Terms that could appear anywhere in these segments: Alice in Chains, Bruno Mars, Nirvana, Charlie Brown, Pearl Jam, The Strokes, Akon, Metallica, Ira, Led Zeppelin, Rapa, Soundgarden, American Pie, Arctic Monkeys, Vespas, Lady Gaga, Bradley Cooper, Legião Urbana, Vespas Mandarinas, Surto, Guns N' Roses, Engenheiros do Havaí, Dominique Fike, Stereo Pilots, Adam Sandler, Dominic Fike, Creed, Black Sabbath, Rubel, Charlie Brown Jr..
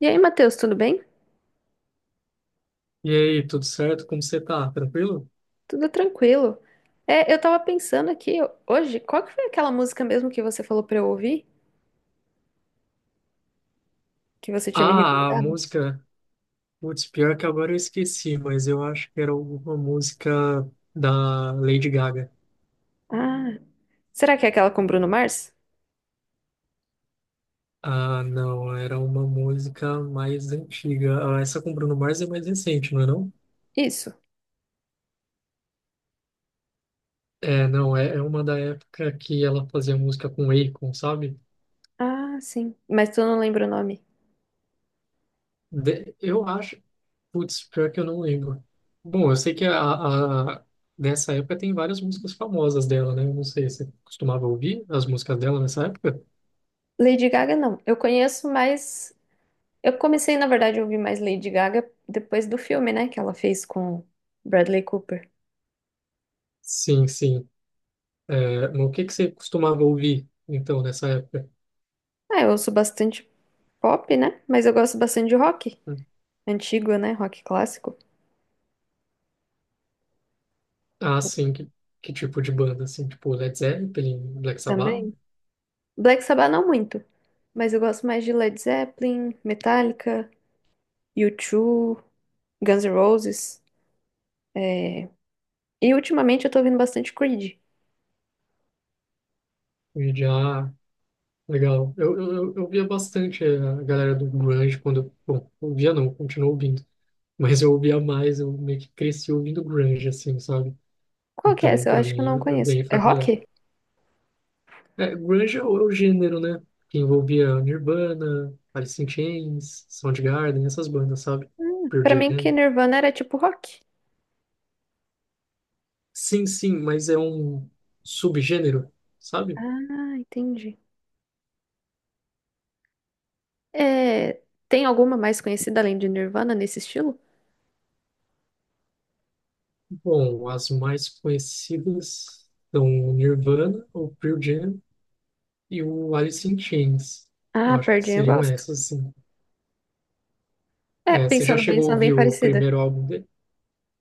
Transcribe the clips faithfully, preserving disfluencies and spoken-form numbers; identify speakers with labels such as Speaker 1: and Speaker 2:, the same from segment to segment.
Speaker 1: E aí, Matheus, tudo bem?
Speaker 2: E aí, tudo certo? Como você tá? Tranquilo?
Speaker 1: Tudo tranquilo. É, eu tava pensando aqui ho- hoje, qual que foi aquela música mesmo que você falou pra eu ouvir? Que você tinha me
Speaker 2: Ah, a
Speaker 1: recomendado?
Speaker 2: música. Putz, pior que agora eu esqueci, mas eu acho que era alguma música da Lady Gaga.
Speaker 1: Ah, será que é aquela com Bruno Mars?
Speaker 2: Ah, não, era uma música mais antiga. Ah, essa com Bruno Mars é mais recente, não é não?
Speaker 1: Isso.
Speaker 2: É, não, é, é uma da época que ela fazia música com Akon, sabe?
Speaker 1: Ah, sim. Mas tu não lembra o nome.
Speaker 2: De- Eu acho. Putz, pior que eu não lembro. Bom, eu sei que a, a- dessa época tem várias músicas famosas dela, né? Eu não sei, você costumava ouvir as músicas dela nessa época?
Speaker 1: Lady Gaga, não. Eu conheço mais. Eu comecei, na verdade, a ouvir mais Lady Gaga depois do filme, né? Que ela fez com Bradley Cooper.
Speaker 2: Sim, sim. É, mas o que que você costumava ouvir, então, nessa época?
Speaker 1: Ah, eu ouço bastante pop, né? Mas eu gosto bastante de rock.
Speaker 2: Hum.
Speaker 1: Antigo, né? Rock clássico.
Speaker 2: Ah, sim, que, que tipo de banda, assim? Tipo Led Zeppelin, Black Sabbath?
Speaker 1: Também. Black Sabbath não muito, mas eu gosto mais de Led Zeppelin, Metallica, U dois, Guns N' Roses. é, E ultimamente eu tô ouvindo bastante Creed.
Speaker 2: Já legal. Eu, eu, eu eu via bastante a galera do grunge quando... eu- Bom, eu via não, continuo ouvindo. Mas eu ouvia mais, eu meio que cresci ouvindo grunge, assim, sabe?
Speaker 1: Qual que é
Speaker 2: Então,
Speaker 1: essa? Eu
Speaker 2: para
Speaker 1: acho que eu
Speaker 2: mim, é,
Speaker 1: não
Speaker 2: é
Speaker 1: conheço.
Speaker 2: bem
Speaker 1: É
Speaker 2: familiar.
Speaker 1: rock?
Speaker 2: É, grunge é o, é o gênero, né? Que envolvia Nirvana, Alice in Chains, Soundgarden, essas bandas, sabe?
Speaker 1: Hum.
Speaker 2: Pearl
Speaker 1: Pra mim que
Speaker 2: Jam.
Speaker 1: Nirvana era tipo rock.
Speaker 2: Sim, sim, mas é um subgênero, sabe?
Speaker 1: Ah, entendi. É, tem alguma mais conhecida além de Nirvana nesse estilo?
Speaker 2: Bom, as mais conhecidas são Nirvana ou Pearl Jam, e o Alice in Chains. Eu
Speaker 1: Ah,
Speaker 2: acho
Speaker 1: Pearl
Speaker 2: que
Speaker 1: Jam eu
Speaker 2: seriam
Speaker 1: gosto.
Speaker 2: essas, sim.
Speaker 1: É,
Speaker 2: É, você já
Speaker 1: pensando bem,
Speaker 2: chegou a
Speaker 1: são bem
Speaker 2: ouvir o
Speaker 1: parecida.
Speaker 2: primeiro álbum dele?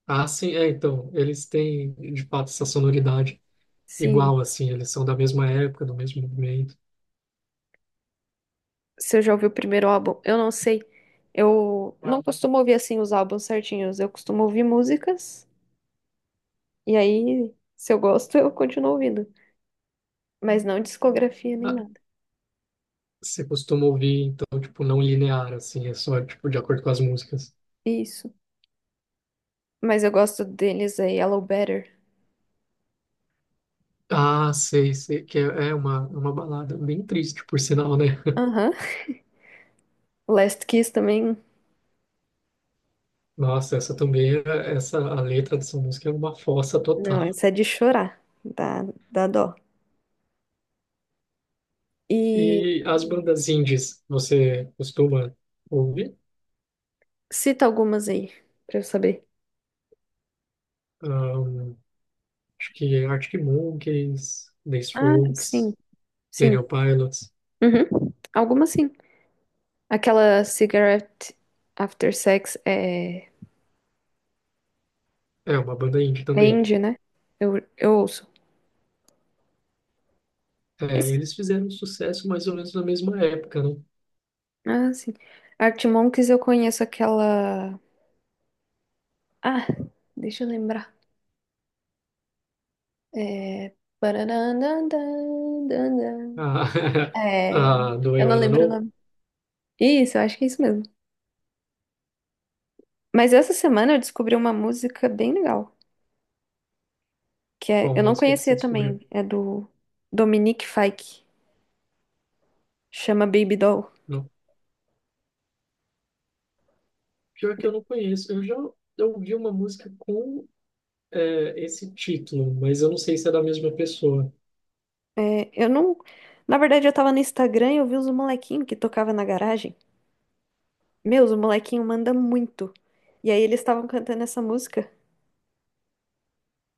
Speaker 2: Ah, sim, é, então, eles têm, de fato, essa sonoridade
Speaker 1: Sim,
Speaker 2: igual, assim, eles são da mesma época, do mesmo movimento.
Speaker 1: se eu já ouvi o primeiro álbum, eu não sei. Eu não costumo ouvir assim os álbuns certinhos. Eu costumo ouvir músicas e aí, se eu gosto, eu continuo ouvindo. Mas não discografia nem
Speaker 2: Ah,
Speaker 1: nada.
Speaker 2: você costuma ouvir, então, tipo, não linear, assim, é só, tipo, de acordo com as músicas.
Speaker 1: Isso. Mas eu gosto deles aí, Hello Better.
Speaker 2: Ah, sei, sei, que é, é uma, uma balada bem triste, por sinal, né?
Speaker 1: Aham. Last Kiss também.
Speaker 2: Nossa, essa também, é- essa, a letra dessa música é uma fossa
Speaker 1: Não,
Speaker 2: total.
Speaker 1: essa é de chorar. Dá, dá dó. E
Speaker 2: E as bandas indies, você costuma ouvir?
Speaker 1: cita algumas aí, pra eu saber.
Speaker 2: Ahn, Acho que Arctic Monkeys, The
Speaker 1: Ah, sim,
Speaker 2: Strokes,
Speaker 1: sim.
Speaker 2: Stereo Pilots.
Speaker 1: Uhum. Algumas sim. Aquela Cigarette After Sex é.
Speaker 2: É uma banda indie também.
Speaker 1: Entende, né? Eu, eu ouço.
Speaker 2: É,
Speaker 1: Esse?
Speaker 2: eles fizeram sucesso mais ou menos na mesma época, né?
Speaker 1: Ah, sim. Artimonks eu conheço aquela. Ah, deixa eu lembrar. É. Pararandandandandã.
Speaker 2: A,
Speaker 1: É.
Speaker 2: a do
Speaker 1: Eu
Speaker 2: I
Speaker 1: não
Speaker 2: Wanna
Speaker 1: lembro o
Speaker 2: Know,
Speaker 1: nome. Isso, eu acho que é isso mesmo. Mas essa semana eu descobri uma música bem legal. Que é.
Speaker 2: qual
Speaker 1: Eu não
Speaker 2: música que você
Speaker 1: conhecia
Speaker 2: descobriu?
Speaker 1: também. É do Dominique Fike. Chama Baby Doll.
Speaker 2: Não. Pior que eu não conheço. Eu já eu ouvi uma música com é, esse título, mas eu não sei se é da mesma pessoa.
Speaker 1: É, eu não. Na verdade, eu tava no Instagram e eu vi os molequinhos que tocava na garagem. Meus, o molequinho manda muito. E aí eles estavam cantando essa música.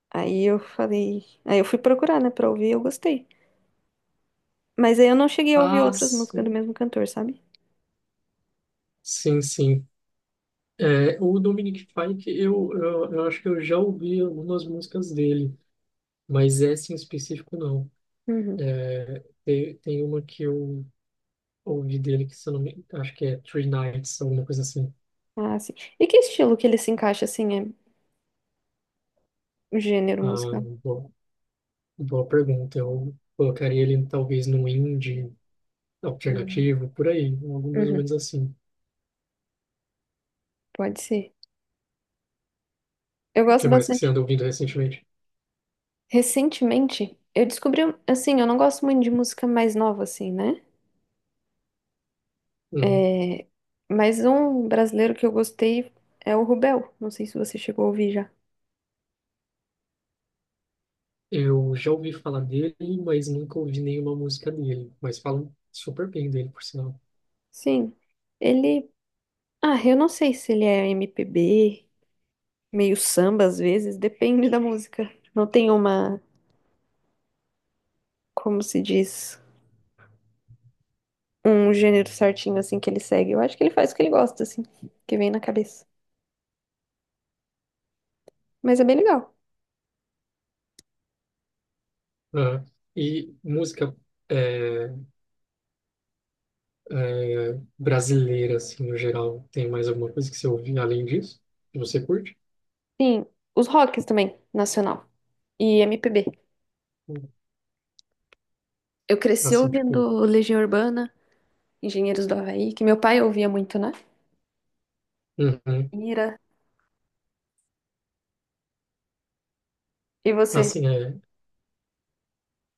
Speaker 1: Aí eu falei. Aí eu fui procurar, né, pra ouvir, eu gostei. Mas aí eu não cheguei a ouvir
Speaker 2: Ah,
Speaker 1: outras músicas do
Speaker 2: sim,
Speaker 1: mesmo cantor, sabe?
Speaker 2: sim, sim. É, o Dominic Fike, eu, eu, eu acho que eu já ouvi algumas músicas dele, mas essa em específico não.
Speaker 1: Uhum.
Speaker 2: É, Tem, tem uma que eu ouvi dele que, se eu não me acho que é Three Nights, alguma coisa assim.
Speaker 1: Ah, sim. E que estilo que ele se encaixa, assim, é gênero
Speaker 2: Ah,
Speaker 1: musical?
Speaker 2: boa, boa pergunta. Eu colocaria ele talvez no indie
Speaker 1: Uhum.
Speaker 2: alternativo, por aí, algo mais ou
Speaker 1: Uhum.
Speaker 2: menos assim.
Speaker 1: Pode ser. Eu
Speaker 2: O que
Speaker 1: gosto
Speaker 2: mais que você
Speaker 1: bastante.
Speaker 2: anda ouvindo recentemente?
Speaker 1: Recentemente, eu descobri, um, assim, eu não gosto muito de música mais nova, assim, né?
Speaker 2: Uhum.
Speaker 1: É... Mas um brasileiro que eu gostei é o Rubel. Não sei se você chegou a ouvir já.
Speaker 2: Eu já ouvi falar dele, mas nunca ouvi nenhuma música dele, mas falam super bem dele, por sinal.
Speaker 1: Sim. Ele, ah, eu não sei se ele é M P B, meio samba às vezes, depende da música. Não tem uma, como se diz, um gênero certinho assim que ele segue. Eu acho que ele faz o que ele gosta, assim, que vem na cabeça. Mas é bem legal.
Speaker 2: Aham. E música é, é, brasileira, assim, no geral, tem mais alguma coisa que você ouve além disso? Que você curte?
Speaker 1: Sim, os rocks também, nacional. E M P B. Eu cresci
Speaker 2: Assim, tipo,
Speaker 1: ouvindo Legião Urbana, Engenheiros do Havaí, que meu pai ouvia muito, né?
Speaker 2: uhum.
Speaker 1: Ira. E você?
Speaker 2: Assim, é.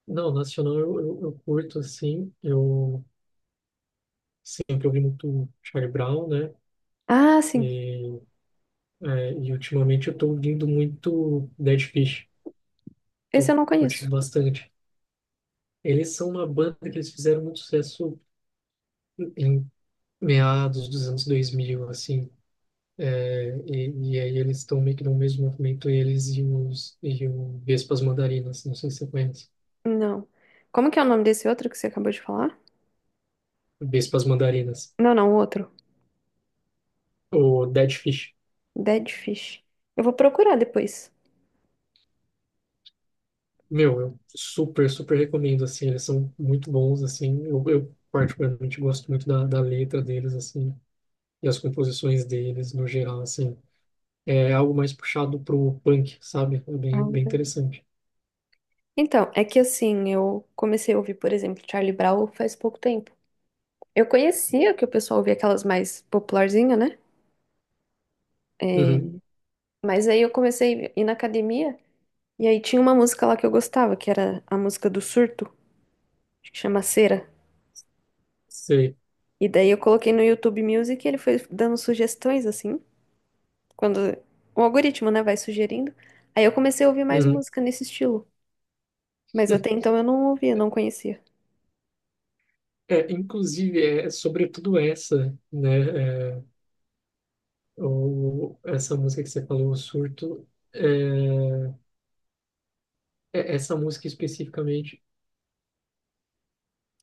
Speaker 2: Não, nacional eu, eu, eu curto, assim, eu sempre ouvi muito Charlie Brown, né?
Speaker 1: Ah, sim.
Speaker 2: E, é, e ultimamente eu tô ouvindo muito Dead Fish,
Speaker 1: Esse eu
Speaker 2: tô
Speaker 1: não
Speaker 2: curtindo
Speaker 1: conheço.
Speaker 2: bastante. Eles são uma banda que eles fizeram muito sucesso em meados dos anos dois mil assim. É, e, e aí eles estão meio que no mesmo movimento, eles e os e o Vespas Mandarinas, não sei se você conhece.
Speaker 1: Não. Como que é o nome desse outro que você acabou de falar?
Speaker 2: Vespas Mandarinas,
Speaker 1: Não, não, o outro.
Speaker 2: o Dead Fish.
Speaker 1: Dead Fish. Eu vou procurar depois.
Speaker 2: Meu, eu super, super recomendo, assim, eles são muito bons, assim, eu, eu particularmente gosto muito da, da letra deles, assim, e as composições deles, no geral, assim. É algo mais puxado pro punk, sabe? É
Speaker 1: Ah,
Speaker 2: bem, bem interessante.
Speaker 1: então, é que assim, eu comecei a ouvir, por exemplo, Charlie Brown faz pouco tempo. Eu conhecia que o pessoal ouvia aquelas mais popularzinhas, né? É,
Speaker 2: Uhum,
Speaker 1: mas aí eu comecei a ir na academia e aí tinha uma música lá que eu gostava, que era a música do Surto, acho que chama Cera.
Speaker 2: sei.
Speaker 1: E daí eu coloquei no YouTube Music e ele foi dando sugestões, assim, quando o algoritmo, né, vai sugerindo. Aí eu comecei a ouvir mais
Speaker 2: Uhum.
Speaker 1: música nesse estilo. Mas até então eu não ouvia, não conhecia.
Speaker 2: É, inclusive, é é sobretudo essa, né? É, Ou essa música que você falou, o surto, é, é- essa música especificamente,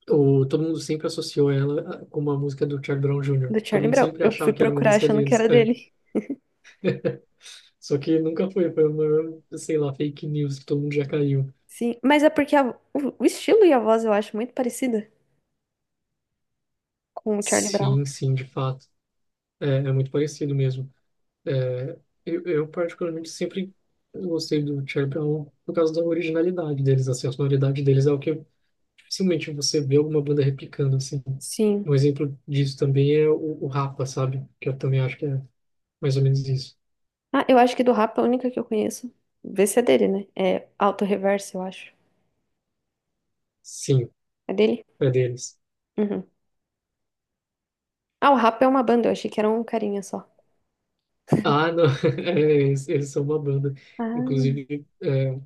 Speaker 2: o, todo mundo sempre associou ela a- com uma música do Charlie Brown júnior
Speaker 1: Do
Speaker 2: Todo
Speaker 1: Charlie
Speaker 2: mundo
Speaker 1: Brown.
Speaker 2: sempre
Speaker 1: Eu fui
Speaker 2: achava que era uma
Speaker 1: procurar
Speaker 2: música
Speaker 1: achando que era
Speaker 2: deles. É.
Speaker 1: dele.
Speaker 2: Só que nunca foi, foi uma, sei lá, fake news que todo mundo já caiu.
Speaker 1: Sim, mas é porque a- o o estilo e a voz eu acho muito parecida com o Charlie Brown.
Speaker 2: Sim, sim, de fato. É, é muito parecido mesmo. É, eu, eu particularmente sempre gostei do Charlie Brown por causa da originalidade deles, assim, a sonoridade deles é o que dificilmente você vê alguma banda replicando, assim.
Speaker 1: Sim.
Speaker 2: Um exemplo disso também é o, o Rapa, sabe? Que eu também acho que é mais ou menos isso.
Speaker 1: Ah, eu acho que do rap é a única que eu conheço. Vê se é dele, né? É Auto Reverso, eu acho.
Speaker 2: Sim,
Speaker 1: É dele?
Speaker 2: é deles.
Speaker 1: Uhum. Ah, o rap é uma banda, eu achei que era um carinha só.
Speaker 2: Ah, não, é, eles, eles são uma banda.
Speaker 1: Ah,
Speaker 2: Inclusive, é,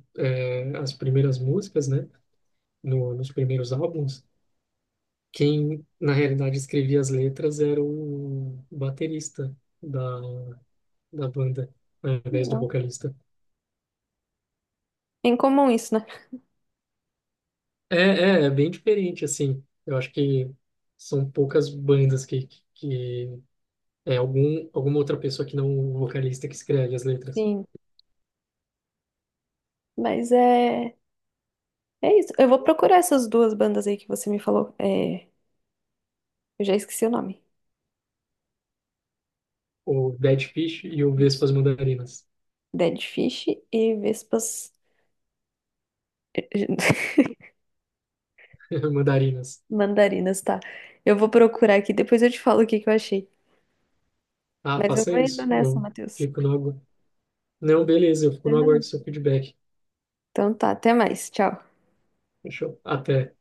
Speaker 2: é, as primeiras músicas, né? No, Nos primeiros álbuns, quem na realidade escrevia as letras era o baterista da, da banda, né, ao
Speaker 1: que
Speaker 2: invés do
Speaker 1: legal.
Speaker 2: vocalista.
Speaker 1: É incomum isso, né?
Speaker 2: É, é, é bem diferente, assim. Eu acho que são poucas bandas que, que, que- é algum, alguma outra pessoa que não o vocalista que escreve as letras.
Speaker 1: Sim. Mas é. É isso. Eu vou procurar essas duas bandas aí que você me falou. É... Eu já esqueci o nome.
Speaker 2: O Dead Fish e o
Speaker 1: Isso.
Speaker 2: Vespas Mandarinas.
Speaker 1: Dead Fish e Vespas.
Speaker 2: Mandarinas.
Speaker 1: Mandarinas, tá. Eu vou procurar aqui, depois eu te falo o que que eu achei.
Speaker 2: Ah,
Speaker 1: Mas eu
Speaker 2: faça
Speaker 1: vou indo
Speaker 2: isso.
Speaker 1: nessa,
Speaker 2: Eu
Speaker 1: Matheus.
Speaker 2: fico no agu... Não, beleza, eu fico no
Speaker 1: Mas
Speaker 2: aguardo
Speaker 1: valeu.
Speaker 2: do seu feedback.
Speaker 1: Então tá, até mais. Tchau.
Speaker 2: Fechou. Até.